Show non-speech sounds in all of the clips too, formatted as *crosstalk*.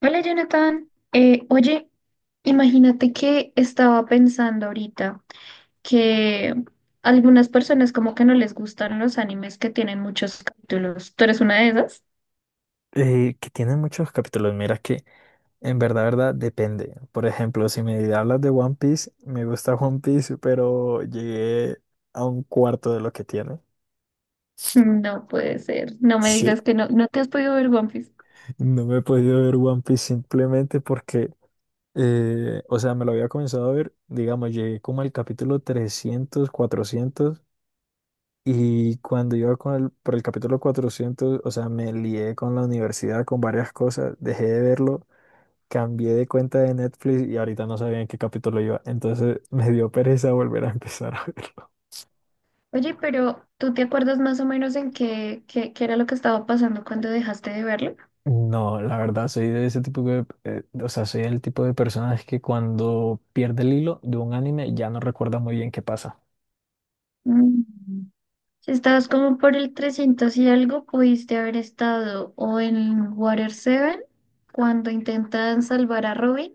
Hola Jonathan, imagínate que estaba pensando ahorita que algunas personas como que no les gustan los animes que tienen muchos capítulos. ¿Tú eres una de esas? *laughs* Que tiene muchos capítulos, mira que en verdad, verdad, depende. Por ejemplo, si me hablas de One Piece, me gusta One Piece, pero llegué a un cuarto de lo que tiene. No puede ser, no me Sí, digas que no te has podido ver One Piece. no me he podido ver One Piece simplemente porque, o sea, me lo había comenzado a ver, digamos, llegué como al capítulo 300 400, y cuando iba con por el capítulo 400, o sea, me lié con la universidad, con varias cosas, dejé de verlo, cambié de cuenta de Netflix y ahorita no sabía en qué capítulo iba, entonces *laughs* me dio pereza volver a empezar a verlo. Oye, pero ¿tú te acuerdas más o menos en qué era lo que estaba pasando cuando dejaste de verlo? No, la verdad, soy de ese tipo de, o sea, soy el tipo de personas que cuando pierde el hilo de un anime ya no recuerda muy bien qué pasa. Mm. Si estabas como por el 300 y algo, pudiste haber estado o en Water Seven cuando intentan salvar a Robin,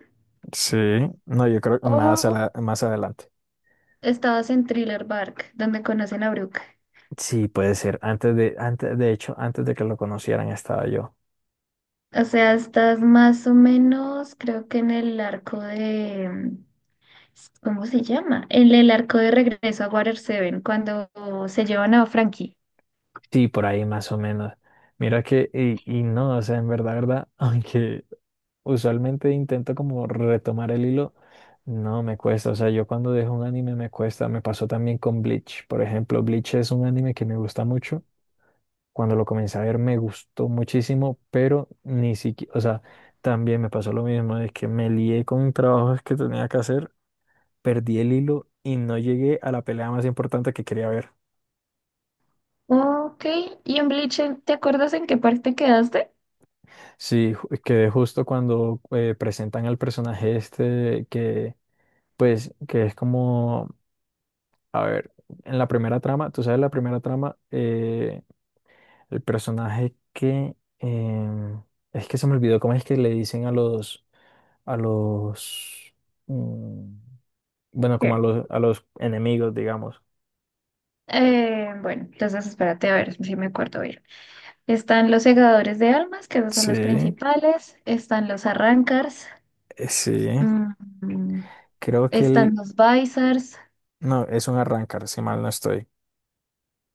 Sí, no, yo creo que más, o más adelante. estabas en Thriller Bark, donde conocen a Brooke. Sí, puede ser. De hecho, antes de que lo conocieran estaba yo. O sea, estás más o menos, creo que en el arco de, ¿cómo se llama? En el arco de regreso a Water Seven cuando se llevan a Frankie. Sí, por ahí más o menos. Mira que, y no, o sea, en verdad, verdad, *laughs* aunque usualmente intento como retomar el hilo. No me cuesta, o sea, yo cuando dejo un anime me cuesta, me pasó también con Bleach. Por ejemplo, Bleach es un anime que me gusta mucho. Cuando lo comencé a ver me gustó muchísimo, pero ni siquiera, o sea, también me pasó lo mismo, es que me lié con trabajos que tenía que hacer, perdí el hilo y no llegué a la pelea más importante que quería ver. Ok, y en Bleach, ¿te acuerdas en qué parte quedaste? Sí, quedé justo cuando presentan al personaje este que, pues, que es como, a ver, en la primera trama, tú sabes, la primera trama, el personaje que em, es que se me olvidó cómo es que le dicen a los, mm, bueno, Sí. como a los enemigos, digamos. Bueno, entonces espérate a ver si me acuerdo bien. Están los segadores de almas, que esos son Sí, los principales. Están los arrancars. sí. mm, Creo que Están él, los Bizars. no, es un arrancar, si mal no estoy.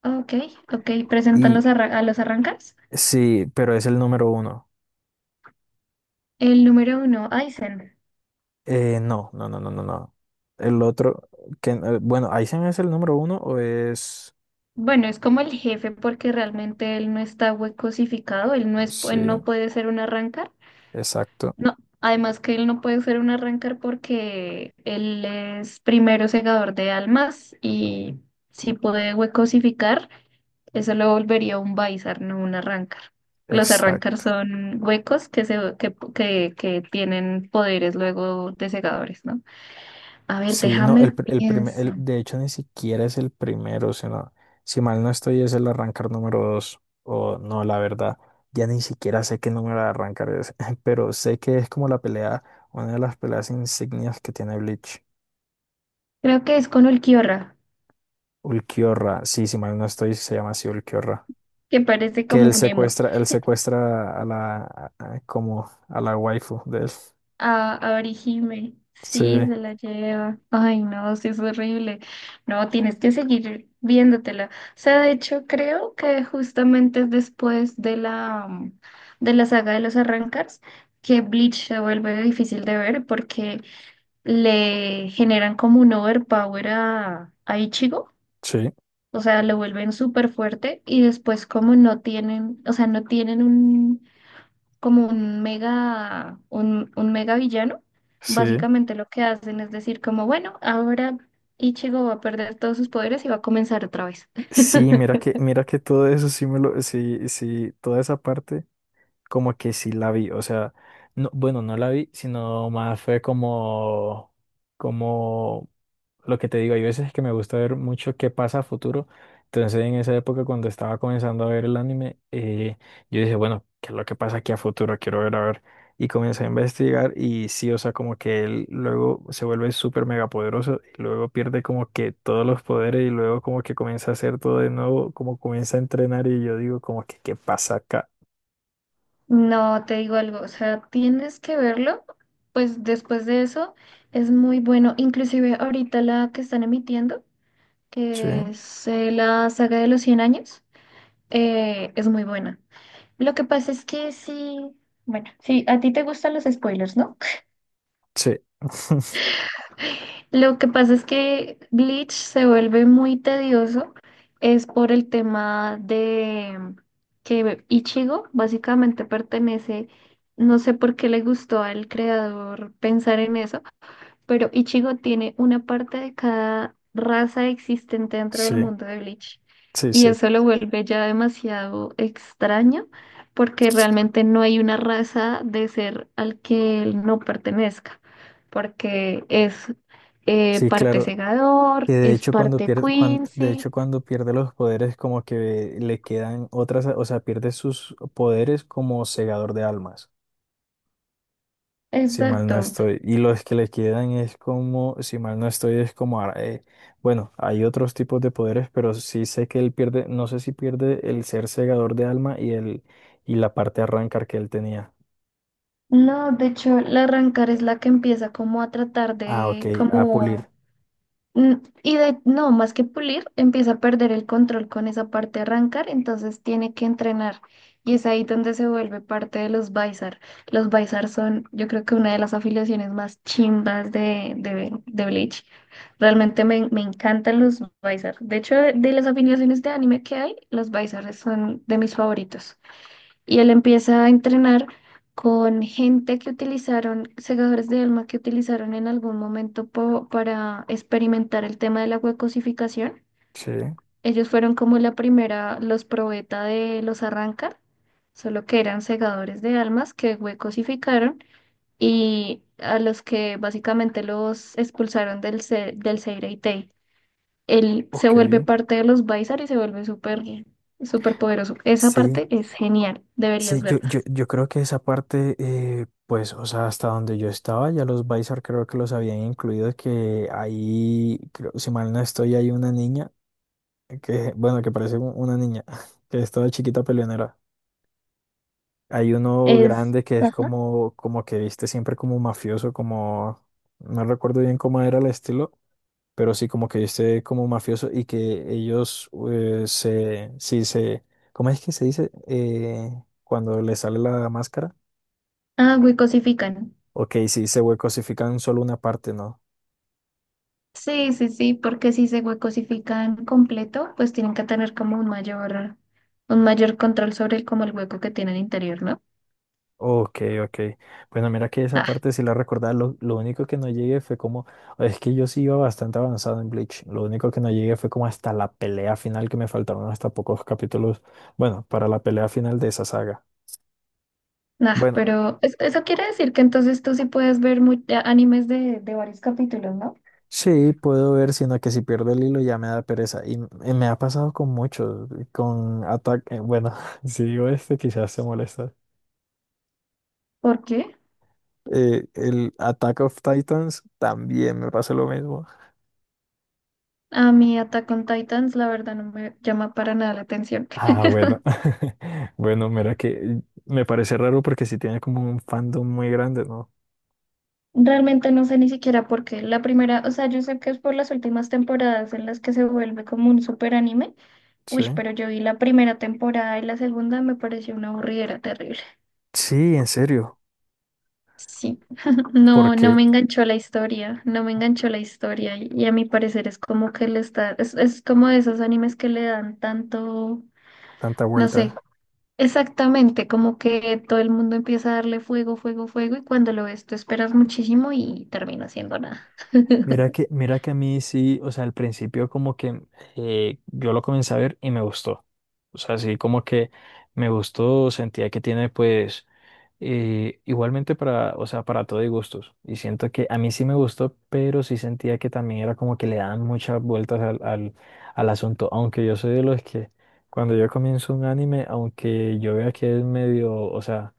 Ok, ok. Presentan Y los a los arrancars. sí, pero es el número 1. El número uno, Aizen. No, no, no, no, no, no. El otro, que, bueno, ¿Aizen es el número 1 o es? Bueno, es como el jefe porque realmente él no está huecosificado. Él no es, él Sí. no puede ser un arrancar. Exacto. No, además que él no puede ser un arrancar porque él es primero segador de almas y si puede huecosificar. Eso lo volvería un Bizarre, no un Arrancar. Los Arrancar Exacto. son huecos que, se, que tienen poderes luego de segadores, ¿no? A ver, Sí, no, el, déjame pr- el primer, pienso. el- de hecho ni siquiera es el primero, sino, si mal no estoy, es el arrancar número 2, o no, la verdad, ya ni siquiera sé qué número de arrancar es, *laughs* pero sé que es como la pelea, una de las peleas insignias que tiene Bleach. Creo que es con Ulquiorra, Ulquiorra, sí, si mal no estoy, se llama así Ulquiorra. que parece Que como un emo. Él secuestra a la, como a la waifu de él. A Orihime. Sí, Sí, se la lleva. Ay, no, sí es horrible. No, tienes que seguir viéndotela. O sea, de hecho, creo que justamente es después de la, de la saga de los arrancars que Bleach se vuelve difícil de ver porque le generan como un overpower a Ichigo. sí, O sea, lo vuelven súper fuerte y después como no tienen, o sea, no tienen un como un mega, un mega villano, sí. básicamente lo que hacen es decir como, bueno, ahora Ichigo va a perder todos sus poderes y va a comenzar otra vez. Sí, *laughs* mira que todo eso sí me lo, sí, sí, toda esa parte como que sí la vi, o sea, no, bueno, no la vi, sino más fue como, como lo que te digo, hay veces que me gusta ver mucho qué pasa a futuro, entonces en esa época cuando estaba comenzando a ver el anime, yo dije, bueno, ¿qué es lo que pasa aquí a futuro? Quiero ver, a ver, y comencé a investigar y sí, o sea, como que él luego se vuelve súper mega poderoso y luego pierde como que todos los poderes y luego como que comienza a hacer todo de nuevo, como comienza a entrenar y yo digo como que, ¿qué pasa acá? No, te digo algo, o sea, tienes que verlo, pues después de eso es muy bueno, inclusive ahorita la que están emitiendo, Sí. que es la saga de los 100 años, es muy buena. Lo que pasa es que sí, bueno, sí, a ti te gustan los spoilers, ¿no? Sí, *laughs* Lo que pasa es que Bleach se vuelve muy tedioso, es por el tema de que Ichigo básicamente pertenece, no sé por qué le gustó al creador pensar en eso, pero Ichigo tiene una parte de cada raza existente dentro del sí, mundo de Bleach. sí, Y sí, eso lo vuelve ya demasiado extraño, porque realmente no hay una raza de ser al que él no pertenezca, porque es sí, parte claro. Que segador, de es hecho cuando parte pierde, de Quincy. hecho cuando pierde los poderes como que le quedan otras, o sea, pierde sus poderes como segador de almas, si mal no Exacto. estoy. Y los que le quedan es como, si mal no estoy, es como, bueno, hay otros tipos de poderes, pero sí sé que él pierde, no sé si pierde el ser segador de alma y el, y la parte arrancar que él tenía. No, de hecho, la Rancor es la que empieza como a tratar Ah, ok, de a como. pulir. Mm. Y de, no, más que pulir, empieza a perder el control con esa parte de arrancar, entonces tiene que entrenar. Y es ahí donde se vuelve parte de los Bizar. Los Bizar son, yo creo que una de las afiliaciones más chimbas de Bleach. Realmente me encantan los Bizar. De hecho, de las afiliaciones de anime que hay, los Bizar son de mis favoritos y él empieza a entrenar con gente que utilizaron, segadores de alma que utilizaron en algún momento para experimentar el tema de la huecosificación. Sí, Ellos fueron como la primera, los probeta de los arranca, solo que eran segadores de almas que huecosificaron y a los que básicamente los expulsaron del, del Seireitei. Él se vuelve ok. parte de los Baisar y se vuelve súper, súper poderoso. Esa Sí, parte es genial, deberías sí, yo, verla. yo, yo creo que esa parte, pues, o sea, hasta donde yo estaba, ya los Bizar creo que los habían incluido, que ahí, creo, si mal no estoy, hay una niña, que, bueno, que parece una niña, *laughs* que es toda chiquita peleonera. Hay uno Es, grande que es ajá. como, como que viste siempre como mafioso, como, no recuerdo bien cómo era el estilo, pero sí como que viste como mafioso y que ellos ¿cómo es que se dice? Cuando le sale la máscara. Ah, huecosifican. Ok, sí, se cosifican solo una parte, ¿no? Sí, sí, sí, porque si se huecosifican completo, pues tienen que tener como un mayor control sobre el, como el hueco que tienen interior, ¿no? Ok, ok. Bueno, mira que esa Ah, parte sí la recordaba. Lo único que no llegué fue como. Es que yo sí iba bastante avanzado en Bleach. Lo único que no llegué fue como hasta la pelea final, que me faltaron hasta pocos capítulos. Bueno, para la pelea final de esa saga. nah, Bueno, pero eso quiere decir que entonces tú sí puedes ver animes de varios capítulos, ¿no? sí, puedo ver, sino que si pierdo el hilo ya me da pereza. Y me ha pasado con muchos. Con Attack. Bueno, *laughs* si digo este, quizás se molesta. ¿Por qué? El Attack of Titans también me pasó lo mismo. A mí Attack on Titans, la verdad, no me llama para nada la atención. Ah, bueno. *laughs* *laughs* Bueno, mira que me parece raro porque sí tiene como un fandom muy grande, ¿no? Realmente no sé ni siquiera por qué. La primera, o sea, yo sé que es por las últimas temporadas en las que se vuelve como un super anime. Sí. Uy, pero yo vi la primera temporada y la segunda me pareció una aburridera terrible. Sí, en serio. Sí, *laughs* ¿Por no, no qué me enganchó la historia, no me enganchó la historia y a mi parecer es como que le está, es como de esos animes que le dan tanto, tanta no sé, vuelta? exactamente, como que todo el mundo empieza a darle fuego, fuego, fuego y cuando lo ves tú esperas muchísimo y termina siendo nada. Mira que a mí sí, o sea, al principio como que yo lo comencé a ver y me gustó. O sea, sí, como que me gustó, sentía que tiene pues... Igualmente, para, o sea, para todo y gustos. Y siento que a mí sí me gustó, pero sí sentía que también era como que le daban muchas vueltas al, al asunto. Aunque yo soy de los que cuando yo comienzo un anime, aunque yo vea que es medio, o sea,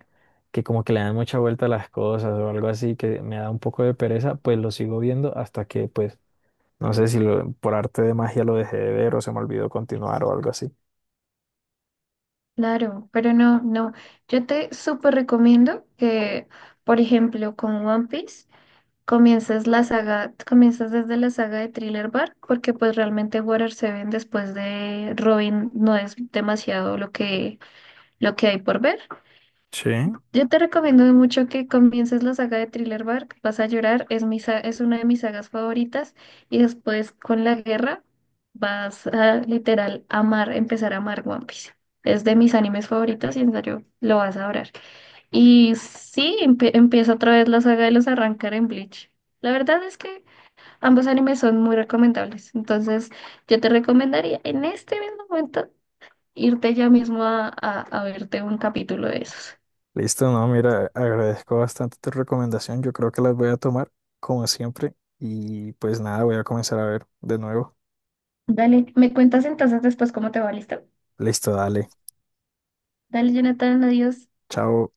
que como que le dan mucha vuelta a las cosas o algo así, que me da un poco de pereza, pues lo sigo viendo hasta que, pues, no sé si por arte de magia lo dejé de ver o se me olvidó continuar o algo así. Claro, pero no, yo te súper recomiendo que, por ejemplo, con One Piece comienzas la saga, comienzas desde la saga de Thriller Bark, porque pues realmente Water Seven después de Robin no es demasiado lo que hay por ver. Sí. Yo te recomiendo mucho que comiences la saga de Thriller Bark, vas a llorar, es es una de mis sagas favoritas, y después con la guerra vas a literal amar, empezar a amar One Piece. Es de mis animes favoritos y en serio lo vas a adorar. Y sí, empieza otra vez la saga de los arrancar en Bleach. La verdad es que ambos animes son muy recomendables. Entonces, yo te recomendaría en este mismo momento irte ya mismo a verte un capítulo de esos. Listo, no, mira, agradezco bastante tu recomendación. Yo creo que las voy a tomar como siempre y pues nada, voy a comenzar a ver de nuevo. Dale, me cuentas entonces después cómo te va, ¿listo? Listo, dale. Dale, Jonathan, adiós. Chao.